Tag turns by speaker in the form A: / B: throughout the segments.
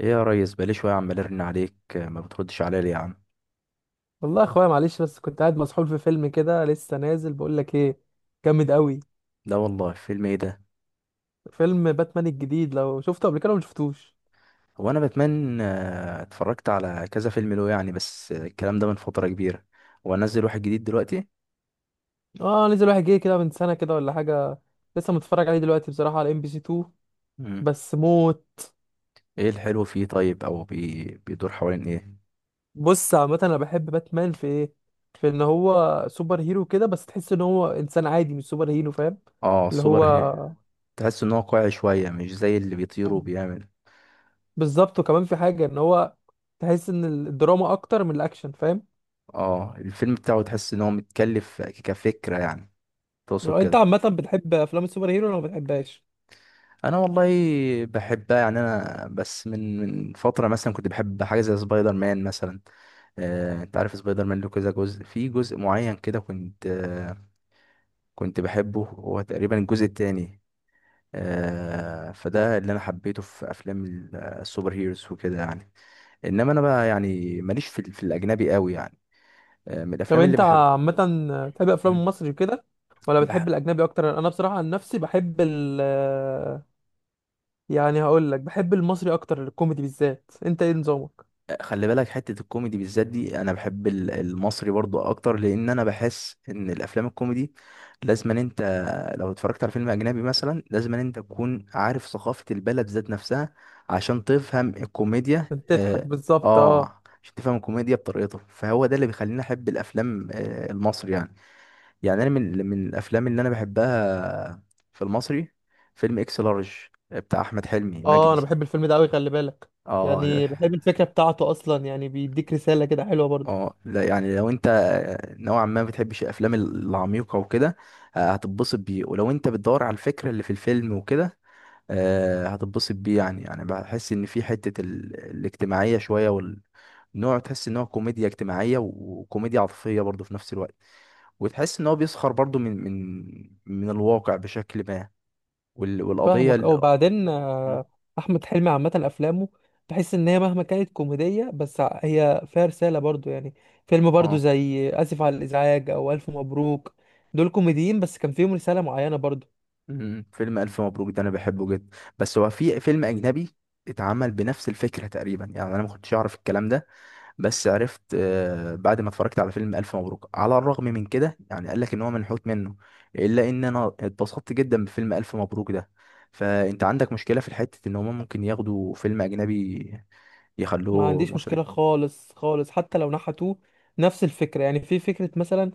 A: ايه يا ريس، بقالي شويه عمال ارن عليك، ما بتردش عليا ليه يا عم؟
B: والله يا اخويا معلش، بس كنت قاعد مسحول في فيلم كده، لسه نازل. بقول لك ايه؟ جامد قوي.
A: لا والله، فيلم ايه ده؟
B: فيلم باتمان الجديد، لو شفته قبل كده ولا شفتوش؟
A: هو انا بتمنى، اتفرجت على كذا فيلم له يعني، بس الكلام ده من فتره كبيره. وانزل واحد جديد دلوقتي؟
B: اه نزل واحد جه كده من سنه كده ولا حاجه. لسه متفرج عليه دلوقتي بصراحه على ام بي سي 2.
A: مم.
B: بس موت.
A: ايه الحلو فيه؟ طيب، بيدور حوالين ايه؟
B: بص عامه، انا بحب باتمان في ايه؟ في ان هو سوبر هيرو كده بس تحس ان هو انسان عادي مش سوبر هيرو، فاهم؟
A: اه،
B: اللي
A: السوبر
B: هو
A: هي- تحس ان هو واقعي شويه، مش زي اللي بيطير وبيعمل.
B: بالظبط. وكمان في حاجه ان هو تحس ان الدراما اكتر من الاكشن، فاهم؟
A: اه، الفيلم بتاعه تحس ان هو متكلف كفكره يعني. تقصد
B: لو انت
A: كده؟
B: عامه بتحب افلام السوبر هيرو ولا ما بتحبهاش؟
A: انا والله، بحبها يعني، انا بس من فتره مثلا كنت بحب حاجه زي سبايدر مان مثلا. انت عارف سبايدر مان له كذا جزء، في جزء معين كده كنت كنت بحبه هو تقريبا الجزء التاني. فده اللي انا حبيته في افلام السوبر هيروز وكده يعني. انما انا بقى يعني ماليش في الاجنبي قوي يعني. من
B: طب
A: الافلام اللي...
B: انت عامة بتحب افلام
A: بحب.
B: المصري وكده ولا بتحب الاجنبي اكتر؟ انا بصراحة عن نفسي بحب ال، يعني هقول لك بحب المصري اكتر، الكوميدي بالذات. انت ايه نظامك؟
A: خلي بالك، حتة الكوميدي بالذات دي أنا بحب المصري برضو أكتر، لأن أنا بحس إن الأفلام الكوميدي... لازم أن أنت... لو اتفرجت على فيلم أجنبي مثلا، لازم أن أنت تكون عارف ثقافة البلد ذات نفسها عشان تفهم الكوميديا
B: انت تضحك
A: آه
B: بالظبط. اه
A: عشان تفهم الكوميديا بطريقته، فهو ده اللي بيخليني أحب الأفلام المصري يعني. يعني أنا من الأفلام اللي أنا بحبها، في المصري، فيلم إكس لارج، بتاع أحمد حلمي
B: اه،
A: مجدي.
B: انا بحب الفيلم ده قوي خلي بالك.
A: آه.
B: يعني بحب الفكرة بتاعته اصلا، يعني بيديك رسالة كده حلوة برضه.
A: اه، لا يعني لو انت نوعا ما بتحبش الافلام العميقه وكده، هتتبسط بيه. ولو انت بتدور على الفكره اللي في الفيلم وكده، هتتبسط بيه يعني. بحس ان في حته الاجتماعيه شويه، والنوع تحس ان هو كوميديا اجتماعيه وكوميديا عاطفيه برضه في نفس الوقت. وتحس ان هو بيسخر برضه من الواقع بشكل ما. والقضيه
B: فاهمك.
A: ال...
B: او بعدين احمد حلمي عامه افلامه بحس ان هي مهما كانت كوميديه، بس هي فيها رساله برضو يعني. فيلم برضو
A: اه.
B: زي اسف على الازعاج او الف مبروك، دول كوميديين بس كان فيهم رساله معينه برضو.
A: مم. فيلم ألف مبروك ده أنا بحبه جدا، بس هو في فيلم أجنبي اتعمل بنفس الفكرة تقريبا، يعني أنا ما كنتش أعرف الكلام ده. بس عرفت بعد ما اتفرجت على فيلم ألف مبروك، على الرغم من كده يعني قال لك إن هو منحوت منه، إلا إن أنا اتبسطت جدا بفيلم ألف مبروك ده. فأنت عندك مشكلة في حتة إن هما ممكن ياخدوا فيلم أجنبي
B: ما
A: يخلوه
B: عنديش مشكله
A: مصري؟
B: خالص خالص، حتى لو نحتوه نفس الفكره. يعني في فكره مثلا،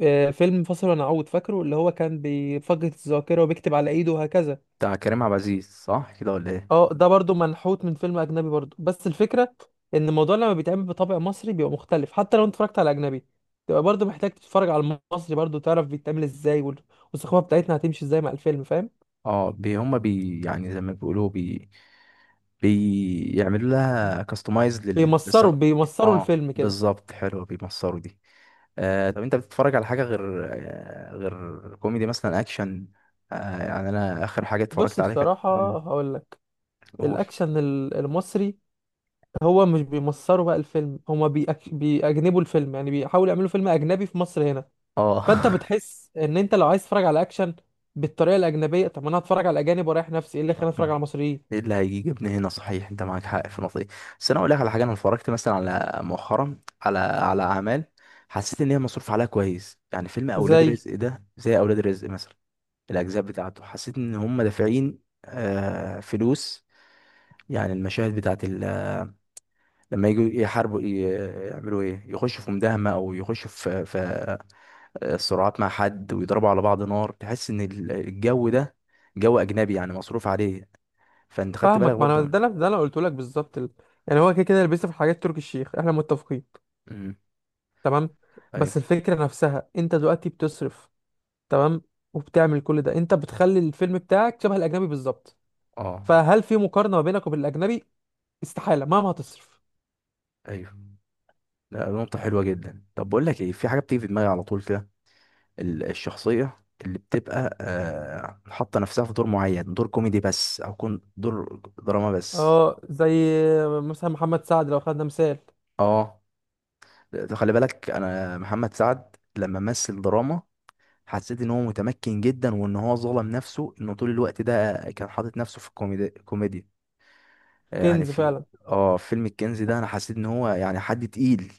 B: فيلم فاصل ونعود، فاكره؟ اللي هو كان بيفقد الذاكره وبيكتب على ايده وهكذا.
A: بتاع كريم عبد العزيز، صح كده ولا إيه؟
B: اه ده برضو منحوت من فيلم اجنبي برضو، بس الفكره ان الموضوع لما بيتعمل بطابع مصري بيبقى مختلف. حتى لو انت اتفرجت على اجنبي، تبقى برضو محتاج تتفرج على المصري برضو، تعرف بيتعمل ازاي والثقافه بتاعتنا هتمشي ازاي مع الفيلم، فاهم؟
A: اه، بي هما بي، يعني زي ما بيقولوا بي، بيعملوا لها كاستمايز للسغ...
B: بيمصروا
A: اه
B: الفيلم كده.
A: بالظبط، حلوه بيمصروا دي. طب انت بتتفرج على حاجه غير كوميدي، مثلا اكشن؟ يعني انا اخر حاجه اتفرجت
B: بص
A: عليها كانت
B: بصراحه
A: مم،
B: هقول لك،
A: قول.
B: الاكشن المصري، هو مش بيمصروا بقى الفيلم، هما بيأجنبوا الفيلم، يعني بيحاولوا يعملوا فيلم اجنبي في مصر هنا.
A: اه.
B: فانت بتحس ان انت لو عايز تتفرج على اكشن بالطريقه الاجنبيه، طب ما انا هتفرج على الاجانب. ورايح نفسي ايه اللي خلاني اتفرج على
A: ايه
B: المصريين؟
A: اللي هيجي جبني هنا؟ صحيح، انت معاك حق في النقطه دي. بس انا اقول لك على حاجه، انا اتفرجت مثلا، على مؤخرا على اعمال حسيت ان هي مصروف عليها كويس، يعني فيلم اولاد
B: زي،
A: رزق ده، زي اولاد رزق مثلا. الاجزاء بتاعته، حسيت ان هم دافعين فلوس. يعني المشاهد بتاعت ال... لما يجوا يحاربوا ي- يعملوا ايه، يخشوا في مداهمه او يخشوا في صراعات مع حد ويضربوا على بعض نار، تحس ان الجو ده جو اجنبي يعني، مصروف عليه. فانت خدت بالك
B: فاهمك، ما
A: برضه
B: انا
A: من...
B: ده انا قلت لك بالظبط يعني هو كده كده اللي بيصرف، حاجات تركي الشيخ، احنا متفقين.
A: مم.
B: تمام. بس
A: ايوه.
B: الفكره نفسها، انت دلوقتي بتصرف، تمام، وبتعمل كل ده، انت بتخلي الفيلم بتاعك شبه الاجنبي بالظبط.
A: اه.
B: فهل في مقارنه ما بينك وبين الاجنبي؟ استحاله مهما هتصرف.
A: ايوه. لا، نقطه حلوه جدا. طب بقول لك ايه، في حاجه بتيجي في دماغي على طول كده، الشخصية اللي بتبقى حاطة نفسها في دور معين، دور كوميدي بس أو كون دور دراما بس.
B: اه زي مثلا محمد سعد لو خدنا مثال.
A: اه. خلي بالك، أنا محمد سعد لما مثل دراما حسيت إن هو متمكن جدا، وإن هو ظلم نفسه إنه طول الوقت ده كان حاطط نفسه في كوميديا. يعني
B: كنز
A: في...
B: فعلا.
A: اه، فيلم الكنز ده أنا حسيت إن هو يعني حد تقيل.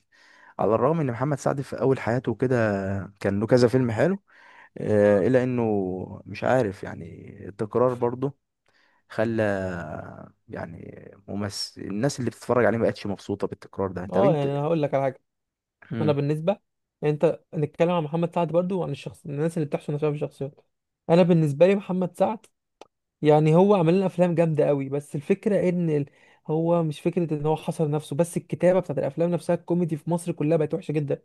A: على الرغم ان محمد سعد في اول حياته كده كان له كذا فيلم حلو، الا انه مش عارف يعني، التكرار برضه خلى، يعني ممثل، الناس اللي بتتفرج عليه ما بقتش مبسوطة بالتكرار ده. طب
B: اه
A: انت...
B: يعني انا هقول لك على حاجه. انا
A: مم.
B: بالنسبه، يعني انت نتكلم عن محمد سعد برضو وعن الناس اللي بتحصل نفسها في الشخصيات. انا بالنسبه لي محمد سعد، يعني هو عمل لنا افلام جامده قوي، بس الفكره ان هو مش فكره ان هو حصر نفسه، بس الكتابه بتاعت الافلام نفسها، الكوميدي في مصر كلها بقت وحشه جدا.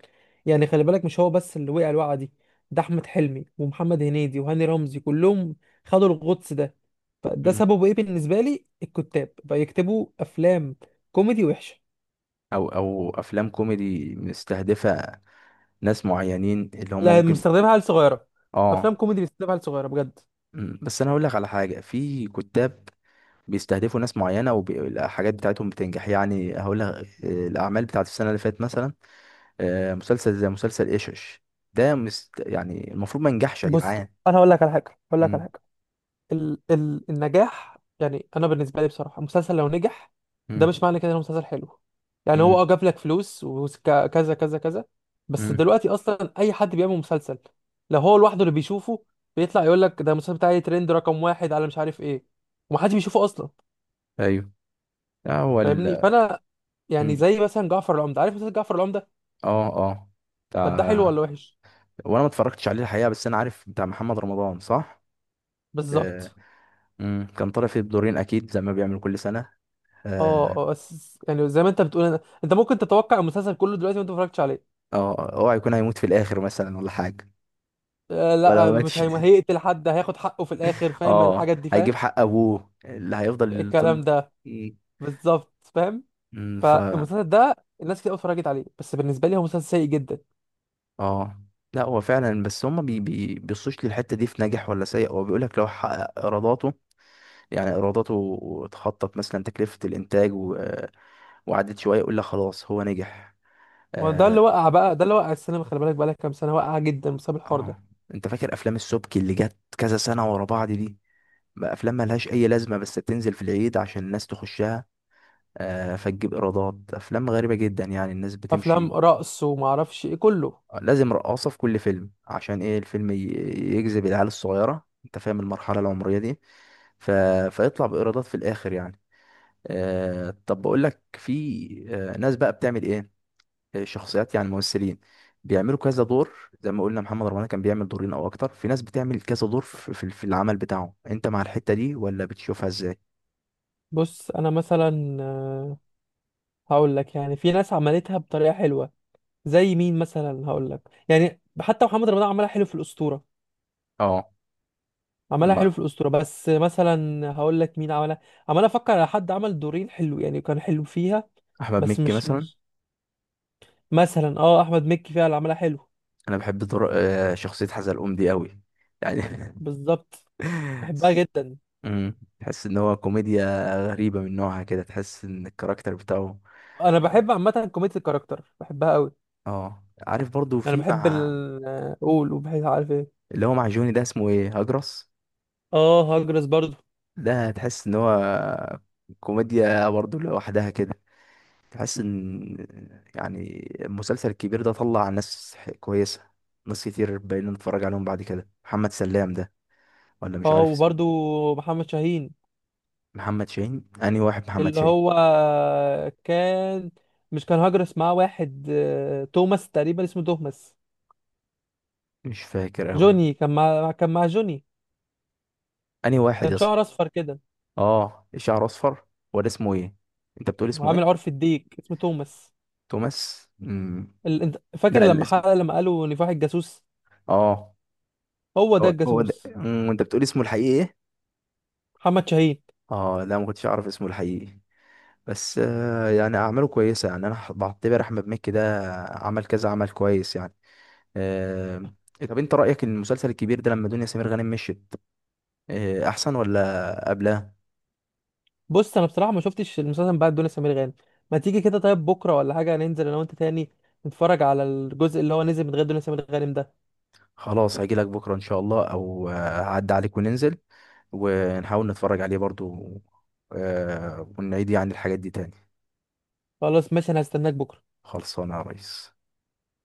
B: يعني خلي بالك، مش هو بس اللي وقع الوقعه دي، ده احمد حلمي ومحمد هنيدي وهاني رمزي كلهم خدوا الغطس ده. فده
A: مم.
B: سببه ايه بالنسبه لي؟ الكتاب بقى يكتبوا افلام كوميدي وحشه.
A: او افلام كوميدي مستهدفة ناس معينين اللي هم
B: لا،
A: ممكن...
B: مستخدمها عيال صغيره،
A: اه.
B: افلام كوميدي بيستخدمها عيال صغيره بجد.
A: مم. بس انا هقول لك على حاجة، في كتاب بيستهدفوا ناس معينة، والحاجات بتاعتهم بتنجح، يعني هقول لك. الأعمال بتاعت السنة اللي فاتت مثلا، مسلسل زي مسلسل إيشش، ده يعني المفروض ما ينجحش يا
B: بص
A: جدعان.
B: انا هقول لك على حاجه هقول لك على
A: مم.
B: حاجه ال ال النجاح، يعني انا بالنسبه لي بصراحه، المسلسل لو نجح، ده
A: مم.
B: مش معنى كده انه مسلسل حلو. يعني هو اه
A: مم.
B: جاب لك فلوس وكذا كذا كذا، بس
A: مم.
B: دلوقتي اصلا اي حد بيعمل مسلسل لو هو لوحده اللي بيشوفه بيطلع يقول لك ده المسلسل بتاعي ترند رقم واحد على مش عارف ايه، ومحدش بيشوفه اصلا.
A: ايوه. هو...
B: فاهمني؟ يعني
A: مم.
B: زي مثلا جعفر العمدة، عارف مسلسل جعفر العمدة؟
A: اه، اه.
B: طب ده حلو
A: بتاع...
B: ولا وحش؟
A: وانا ما اتفرجتش عليه الحقيقه، بس انا عارف بتاع محمد رمضان، صح؟ آه.
B: بالظبط.
A: مم. كان طالع فيه بدورين اكيد زي ما بيعمل كل سنه.
B: اه
A: اه.
B: اه، بس يعني زي ما انت بتقول، انت ممكن تتوقع المسلسل كله دلوقتي وانت ما اتفرجتش عليه.
A: اه، اوعى يكون هيموت في الاخر مثلا ولا حاجه؟ ولا ما
B: لا مش
A: ماتش.
B: هي... هيقتل حد، هياخد حقه في الاخر، فاهم
A: اه،
B: الحاجات دي
A: هيجيب
B: فاهم؟
A: حق ابوه اللي هيفضل
B: الكلام
A: طول.
B: ده
A: مم.
B: بالظبط، فاهم.
A: مم. ف...
B: فالمسلسل ده، الناس كتير قوي اتفرجت عليه، بس بالنسبه لي هو مسلسل سيء جدا.
A: اه، لا هو فعلا، بس هما بي بي بيبصوش للحته دي في ناجح ولا سيء، هو بيقول لك لو حقق ايراداته، يعني ايراداته تخطط مثلا تكلفه الانتاج، وقعدت شويه يقول لك خلاص هو نجح.
B: وده
A: اه،
B: اللي وقع بقى، ده اللي وقع. السينما خلي بالك بقى لك كام سنه وقع جدا بسبب الحوار ده.
A: آه. انت فاكر افلام السبكي اللي جت كذا سنه ورا بعض دي؟ بقى افلام ملهاش اي لازمه، بس بتنزل في العيد عشان الناس تخشها، فتجيب ايرادات. افلام غريبه جدا يعني، الناس
B: افلام
A: بتمشي.
B: رقص وما اعرفش ايه كله.
A: لازم رقاصه في كل فيلم، عشان ايه؟ الفيلم ي- يجذب العيال الصغيره، انت فاهم المرحله العمريه دي. ف... فيطلع بايرادات في الاخر يعني. طب بقول لك، في ناس بقى بتعمل ايه، شخصيات يعني، ممثلين بيعملوا كذا دور. زي ما قلنا محمد رمضان كان بيعمل دورين او اكتر، في ناس بتعمل كذا دور في العمل بتاعه، انت مع الحتة دي ولا بتشوفها ازاي؟
B: بص انا مثلا، هقول لك، يعني في ناس عملتها بطريقه حلوه. زي مين مثلا هقول لك؟ يعني حتى محمد رمضان عملها حلو في الاسطوره،
A: اه،
B: عملها حلو
A: لما
B: في الأسطورة. بس مثلا هقول لك مين عملها، عمال أفكر على حد عمل دورين حلو يعني، كان حلو فيها.
A: احمد
B: بس
A: مكي
B: مش
A: مثلا.
B: مش مثلا، اه أحمد مكي فيها اللي عملها حلو.
A: انا بحب دور شخصية حزلقوم دي قوي يعني.
B: بالظبط، بحبها جدا.
A: تحس ان هو كوميديا غريبة من نوعها، كده تحس ان الكاركتر بتاعه...
B: أنا
A: اه.
B: بحب عامة كوميديا الكاركتر، بحبها أوي.
A: آه. عارف برضو،
B: أنا
A: في
B: بحب
A: مع
B: ال قول وبحب عارف إيه.
A: اللي هو مع جوني ده، اسمه ايه؟ هجرس.
B: اه هجرس برضو.
A: ده تحس ان هو كوميديا برضو لوحدها كده. تحس ان يعني المسلسل الكبير ده طلع ناس ح- كويسه، ناس كتير بقينا نتفرج عليهم بعد كده. محمد سلام ده، ولا مش
B: اه
A: عارف
B: وبرضو
A: اسمه.
B: محمد شاهين،
A: محمد شاهين؟ انهي واحد محمد
B: اللي
A: شاهين؟
B: هو كان، مش كان هجرس معاه واحد توماس تقريبا، اسمه توماس.
A: مش فاكر اوي.
B: جوني، كان مع جوني.
A: انهي واحد يا
B: كان
A: اسطى؟
B: شعر أصفر كده،
A: اه، شعره اصفر، ولا اسمه ايه؟ انت بتقول اسمه
B: وعامل
A: ايه؟
B: عرف الديك، اسمه توماس.
A: توماس.
B: انت فاكر
A: لا،
B: لما
A: الاسم...
B: حلقة لما قالوا نفاح الجاسوس؟
A: اه.
B: هو ده
A: هو ده،
B: الجاسوس،
A: انت بتقول اسمه الحقيقي ايه؟
B: محمد شاهين.
A: اه، لا ما كنتش اعرف اسمه الحقيقي. بس يعني اعماله كويسه، يعني انا بعتبر احمد مكي ده عمل كذا عمل كويس يعني. آه، طب انت رأيك ان المسلسل الكبير ده لما دنيا سمير غانم مشيت، احسن ولا قبلها؟
B: بص انا بصراحة ما شفتش المسلسل بعد دنيا سمير غانم. ما تيجي كده طيب بكرة ولا حاجة، ننزل انا وانت تاني، نتفرج على الجزء اللي هو نزل من غير دنيا سمير غانم ده.
A: خلاص، هجيلك بكرة ان شاء الله، او آه، هعدي عليك وننزل ونحاول نتفرج عليه برضو، ونعيد يعني الحاجات دي تاني.
B: خلاص ماشي، انا هستناك بكرة.
A: خلصانة يا ريس.